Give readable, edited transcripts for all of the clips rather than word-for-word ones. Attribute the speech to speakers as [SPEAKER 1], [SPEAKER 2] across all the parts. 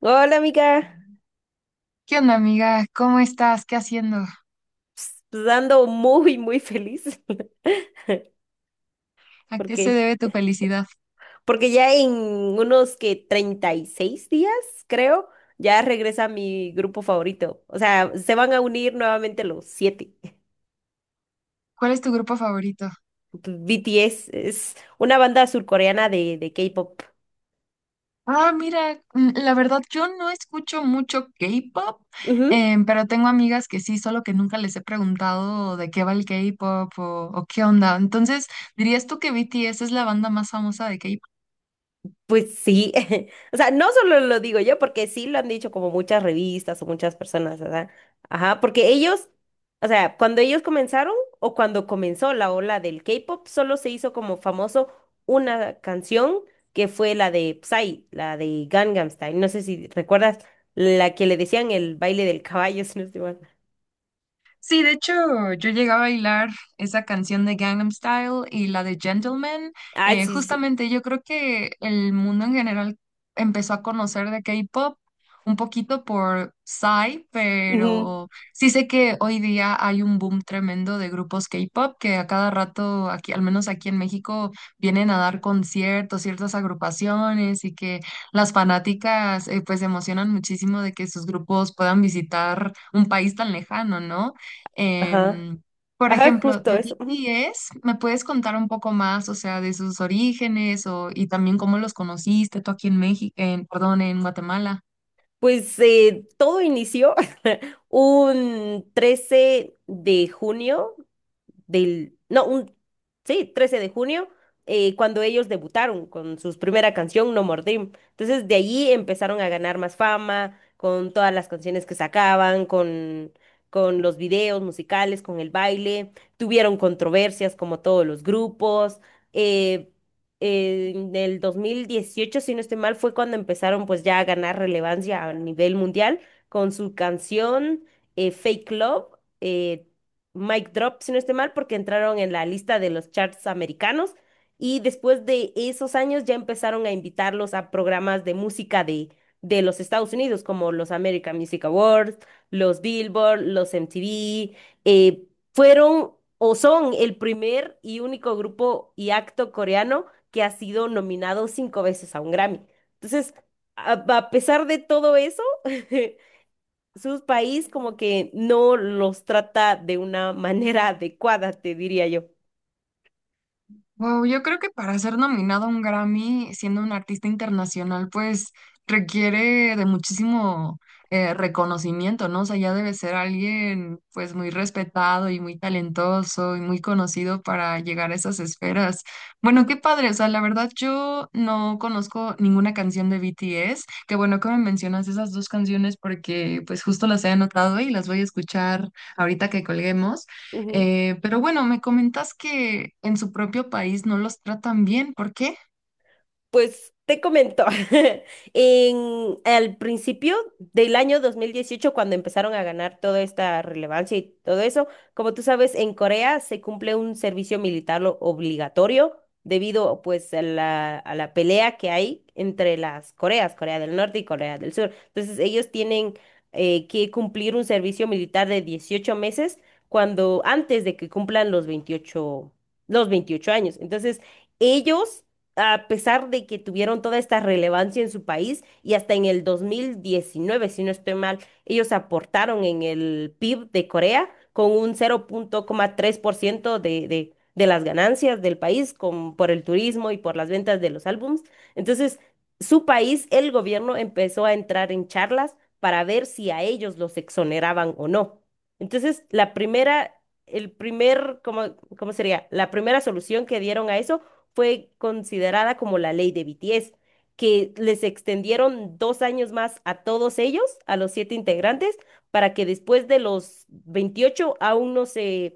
[SPEAKER 1] Hola, amiga.
[SPEAKER 2] ¿Qué onda, amiga? ¿Cómo estás? ¿Qué haciendo?
[SPEAKER 1] Pues ando muy, muy feliz.
[SPEAKER 2] ¿A qué se
[SPEAKER 1] porque
[SPEAKER 2] debe tu felicidad?
[SPEAKER 1] Porque ya en unos que 36 días, creo, ya regresa mi grupo favorito. O sea, se van a unir nuevamente los siete.
[SPEAKER 2] ¿Cuál es tu grupo favorito?
[SPEAKER 1] BTS es una banda surcoreana de K-pop.
[SPEAKER 2] Ah, mira, la verdad yo no escucho mucho K-pop, pero tengo amigas que sí, solo que nunca les he preguntado de qué va el K-pop o qué onda. Entonces, ¿dirías tú que BTS es la banda más famosa de K-pop?
[SPEAKER 1] Pues sí, o sea, no solo lo digo yo, porque sí lo han dicho como muchas revistas o muchas personas, ¿verdad? Ajá, porque ellos, o sea, cuando ellos comenzaron o cuando comenzó la ola del K-pop, solo se hizo como famoso una canción que fue la de Psy, la de Gangnam Style. No sé si recuerdas la que le decían el baile del caballo, si no estoy mal.
[SPEAKER 2] Sí, de hecho, yo llegué a bailar esa canción de Gangnam Style y la de Gentleman.
[SPEAKER 1] Ah, sí, sí. Sí.
[SPEAKER 2] Justamente yo creo que el mundo en general empezó a conocer de K-pop un poquito por Psy,
[SPEAKER 1] Ujú.
[SPEAKER 2] pero sí sé que hoy día hay un boom tremendo de grupos K-pop que a cada rato, aquí, al menos aquí en México, vienen a dar conciertos, ciertas agrupaciones y que las fanáticas pues se emocionan muchísimo de que sus grupos puedan visitar un país tan lejano, ¿no?
[SPEAKER 1] Ajá,
[SPEAKER 2] Em, por
[SPEAKER 1] ajá,
[SPEAKER 2] ejemplo,
[SPEAKER 1] justo
[SPEAKER 2] de
[SPEAKER 1] eso.
[SPEAKER 2] BTS, ¿me puedes contar un poco más, o sea, de sus orígenes o, y también cómo los conociste tú aquí en México, en, perdón, en Guatemala?
[SPEAKER 1] Pues todo inició un 13 de junio del, no, un, sí, 13 de junio, cuando ellos debutaron con su primera canción, No More Dream. Entonces, de allí empezaron a ganar más fama, con todas las canciones que sacaban, con los videos musicales, con el baile. Tuvieron controversias como todos los grupos. eh, en el 2018 si no estoy mal, fue cuando empezaron pues ya a ganar relevancia a nivel mundial con su canción Fake Love, eh, Mike Drop, si no estoy mal, porque entraron en la lista de los charts americanos y después de esos años ya empezaron a invitarlos a programas de música de los Estados Unidos, como los American Music Awards, los Billboard, los MTV. eh, Fueron o son el primer y único grupo y acto coreano que ha sido nominado cinco veces a un Grammy. Entonces, a pesar de todo eso, su país como que no los trata de una manera adecuada, te diría yo.
[SPEAKER 2] Wow, yo creo que para ser nominado a un Grammy siendo un artista internacional, pues requiere de muchísimo reconocimiento, ¿no? O sea, ya debe ser alguien pues muy respetado y muy talentoso y muy conocido para llegar a esas esferas. Bueno, qué padre, o sea, la verdad yo no conozco ninguna canción de BTS. Qué bueno que me mencionas esas dos canciones porque pues justo las he anotado y las voy a escuchar ahorita que colguemos.
[SPEAKER 1] Ujú.
[SPEAKER 2] Pero bueno, me comentas que en su propio país no los tratan bien, ¿por qué?
[SPEAKER 1] Pues te comento, al principio del año 2018 cuando empezaron a ganar toda esta relevancia y todo eso, como tú sabes, en Corea se cumple un servicio militar obligatorio debido pues a a la pelea que hay entre las Coreas, Corea del Norte y Corea del Sur. Entonces ellos tienen que cumplir un servicio militar de 18 meses cuando antes de que cumplan los 28 años. Entonces ellos a pesar de que tuvieron toda esta relevancia en su país y hasta en el 2019, si no estoy mal, ellos aportaron en el PIB de Corea con un 0.3% de las ganancias del país por el turismo y por las ventas de los álbums. Entonces, su país, el gobierno empezó a entrar en charlas para ver si a ellos los exoneraban o no. Entonces, la primera, el primer, ¿cómo sería? La primera solución que dieron a eso fue considerada como la ley de BTS, que les extendieron 2 años más a todos ellos, a los 7 integrantes, para que después de los 28 aún no se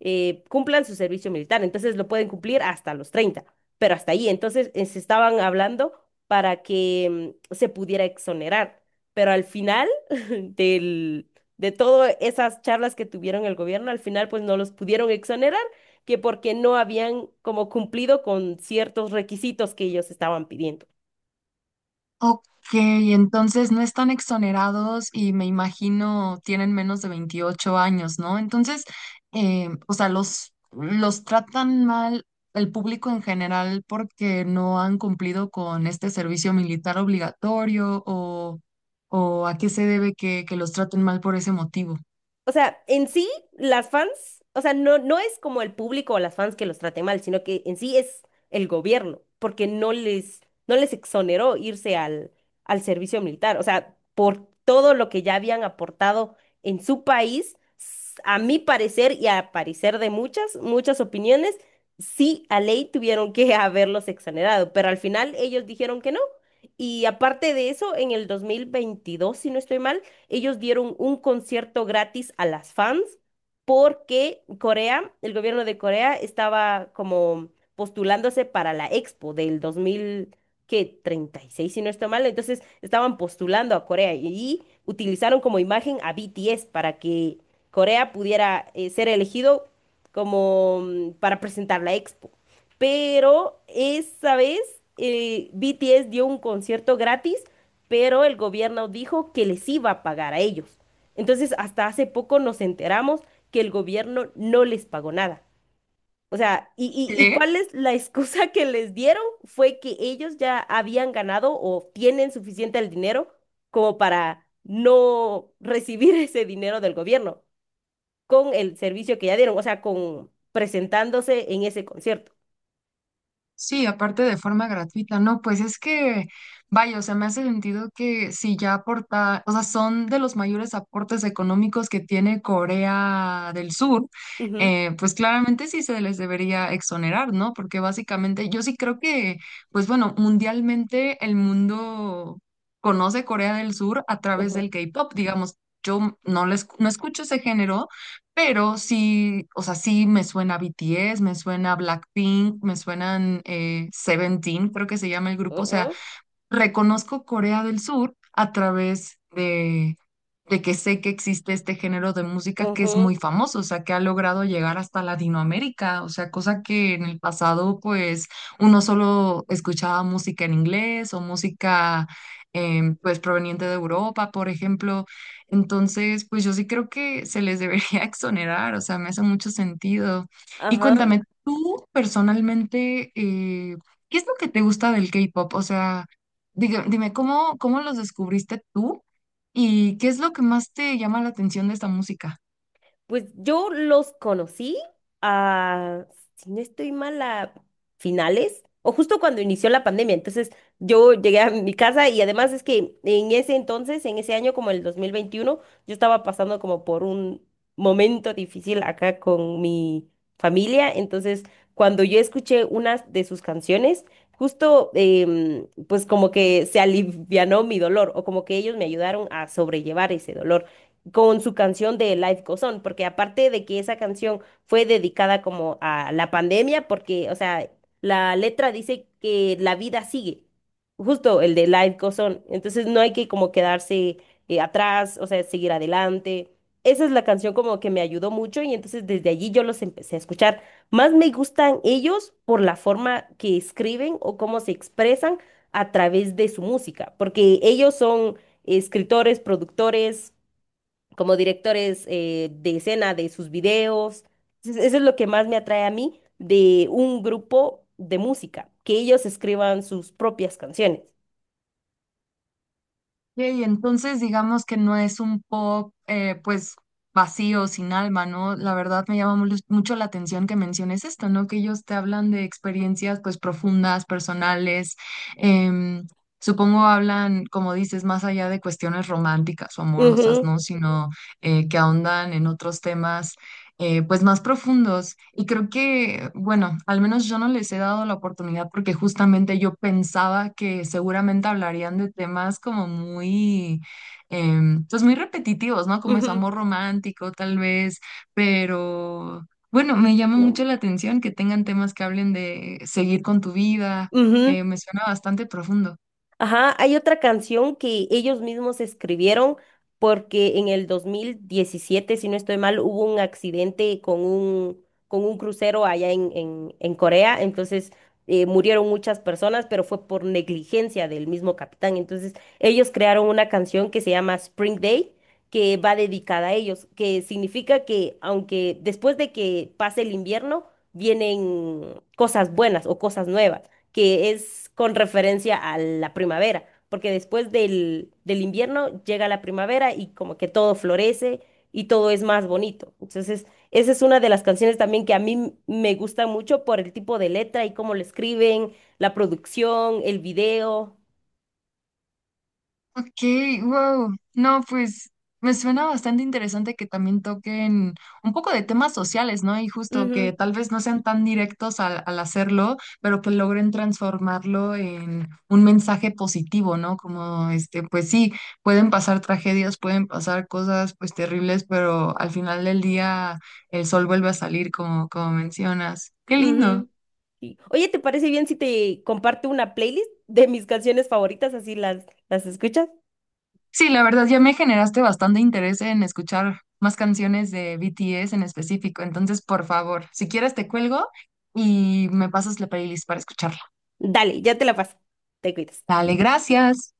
[SPEAKER 1] cumplan su servicio militar. Entonces lo pueden cumplir hasta los 30 pero hasta ahí. Entonces se estaban hablando para que se pudiera exonerar. Pero al final del, de todas esas charlas que tuvieron el gobierno, al final pues no los pudieron exonerar que porque no habían como cumplido con ciertos requisitos que ellos estaban pidiendo.
[SPEAKER 2] Ok, entonces no están exonerados y me imagino tienen menos de 28 años, ¿no? Entonces, o sea, los tratan mal el público en general porque no han cumplido con este servicio militar obligatorio o a qué se debe que los traten mal por ese motivo.
[SPEAKER 1] O sea, en sí, las fans, o sea, no, no es como el público o las fans que los traten mal, sino que en sí es el gobierno, porque no les exoneró irse al servicio militar. O sea, por todo lo que ya habían aportado en su país, a mi parecer y a parecer de muchas, muchas opiniones, sí, a ley tuvieron que haberlos exonerado, pero al final ellos dijeron que no. Y aparte de eso, en el 2022, si no estoy mal, ellos dieron un concierto gratis a las fans porque Corea, el gobierno de Corea estaba como postulándose para la Expo del 2000, que 36 si no estoy mal, entonces estaban postulando a Corea y utilizaron como imagen a BTS para que Corea pudiera ser elegido como para presentar la Expo. Pero esa vez BTS dio un concierto gratis pero el gobierno dijo que les iba a pagar a ellos. Entonces, hasta hace poco nos enteramos que el gobierno no les pagó nada. O sea, ¿y,
[SPEAKER 2] ¿Sí?
[SPEAKER 1] y, y cuál es la excusa que les dieron? Fue que ellos ya habían ganado o tienen suficiente el dinero como para no recibir ese dinero del gobierno con el servicio que ya dieron, o sea, con presentándose en ese concierto.
[SPEAKER 2] Sí, aparte de forma gratuita, no, pues es que, vaya, o sea, me hace sentido que si ya aporta, o sea, son de los mayores aportes económicos que tiene Corea del Sur,
[SPEAKER 1] Ujú,
[SPEAKER 2] pues claramente sí se les debería exonerar, ¿no? Porque básicamente yo sí creo que, pues bueno, mundialmente el mundo conoce Corea del Sur a través
[SPEAKER 1] ujú,
[SPEAKER 2] del K-pop, digamos. Yo no les, no escucho ese género, pero sí, o sea, sí me suena BTS, me suena Blackpink, me suenan Seventeen, creo que se llama el grupo. O sea,
[SPEAKER 1] ujú,
[SPEAKER 2] reconozco Corea del Sur a través de que sé que existe este género de música que es muy
[SPEAKER 1] ujú,
[SPEAKER 2] famoso, o sea, que ha logrado llegar hasta Latinoamérica, o sea, cosa que en el pasado pues uno solo escuchaba música en inglés o música pues proveniente de Europa, por ejemplo. Entonces, pues yo sí creo que se les debería exonerar, o sea, me hace mucho sentido. Y
[SPEAKER 1] ajá.
[SPEAKER 2] cuéntame, tú personalmente, ¿qué es lo que te gusta del K-pop? O sea... Dime, ¿cómo los descubriste tú y qué es lo que más te llama la atención de esta música?
[SPEAKER 1] Pues yo los conocí a, si no estoy mal, a finales o justo cuando inició la pandemia. Entonces yo llegué a mi casa y además es que en ese entonces, en ese año como el 2021 yo estaba pasando como por un momento difícil acá con mi familia. Entonces cuando yo escuché unas de sus canciones, justo pues como que se alivianó mi dolor o como que ellos me ayudaron a sobrellevar ese dolor con su canción de Life Goes On, porque aparte de que esa canción fue dedicada como a la pandemia, porque, o sea, la letra dice que la vida sigue, justo el de Life Goes On, entonces no hay que como quedarse atrás, o sea, seguir adelante. Esa es la canción como que me ayudó mucho y entonces desde allí yo los empecé a escuchar. Más me gustan ellos por la forma que escriben o cómo se expresan a través de su música, porque ellos son escritores, productores, como directores de escena de sus videos. Entonces, eso es lo que más me atrae a mí de un grupo de música, que ellos escriban sus propias canciones.
[SPEAKER 2] Y entonces digamos que no es un pop pues vacío, sin alma, ¿no? La verdad me llama mucho la atención que menciones esto, ¿no? Que ellos te hablan de experiencias pues profundas, personales, em, supongo hablan, como dices, más allá de cuestiones románticas o amorosas,
[SPEAKER 1] Ujú,
[SPEAKER 2] ¿no? Sino que ahondan en otros temas pues más profundos. Y creo que, bueno, al menos yo no les he dado la oportunidad porque justamente yo pensaba que seguramente hablarían de temas como muy, pues muy repetitivos, ¿no? Como eso,
[SPEAKER 1] ujú,
[SPEAKER 2] amor romántico tal vez, pero bueno, me llama
[SPEAKER 1] ¿no?
[SPEAKER 2] mucho la atención que tengan temas que hablen de seguir con tu vida.
[SPEAKER 1] Ujú.
[SPEAKER 2] Me suena bastante profundo.
[SPEAKER 1] Ajá, hay otra canción que ellos mismos escribieron porque en el 2017, si no estoy mal, hubo un accidente con un crucero allá en Corea, entonces murieron muchas personas, pero fue por negligencia del mismo capitán. Entonces ellos crearon una canción que se llama Spring Day, que va dedicada a ellos, que significa que aunque después de que pase el invierno, vienen cosas buenas o cosas nuevas que es con referencia a la primavera, porque después del invierno llega la primavera y como que todo florece y todo es más bonito. Entonces, esa es una de las canciones también que a mí me gusta mucho por el tipo de letra y cómo lo escriben, la producción, el video.
[SPEAKER 2] Ok, wow. No, pues me suena bastante interesante que también toquen un poco de temas sociales, ¿no? Y justo que
[SPEAKER 1] Ujú,
[SPEAKER 2] tal vez no sean tan directos al, al hacerlo, pero que logren transformarlo en un mensaje positivo, ¿no? Como este, pues sí, pueden pasar tragedias, pueden pasar cosas pues terribles, pero al final del día el sol vuelve a salir, como, como mencionas. Qué lindo.
[SPEAKER 1] ujú, sí. Oye, ¿te parece bien si te comparto una playlist de mis canciones favoritas? Así las escuchas.
[SPEAKER 2] Sí, la verdad ya me generaste bastante interés en escuchar más canciones de BTS en específico. Entonces, por favor, si quieres te cuelgo y me pasas la playlist para escucharla.
[SPEAKER 1] Dale, ya te la paso. Te cuidas.
[SPEAKER 2] Dale, gracias.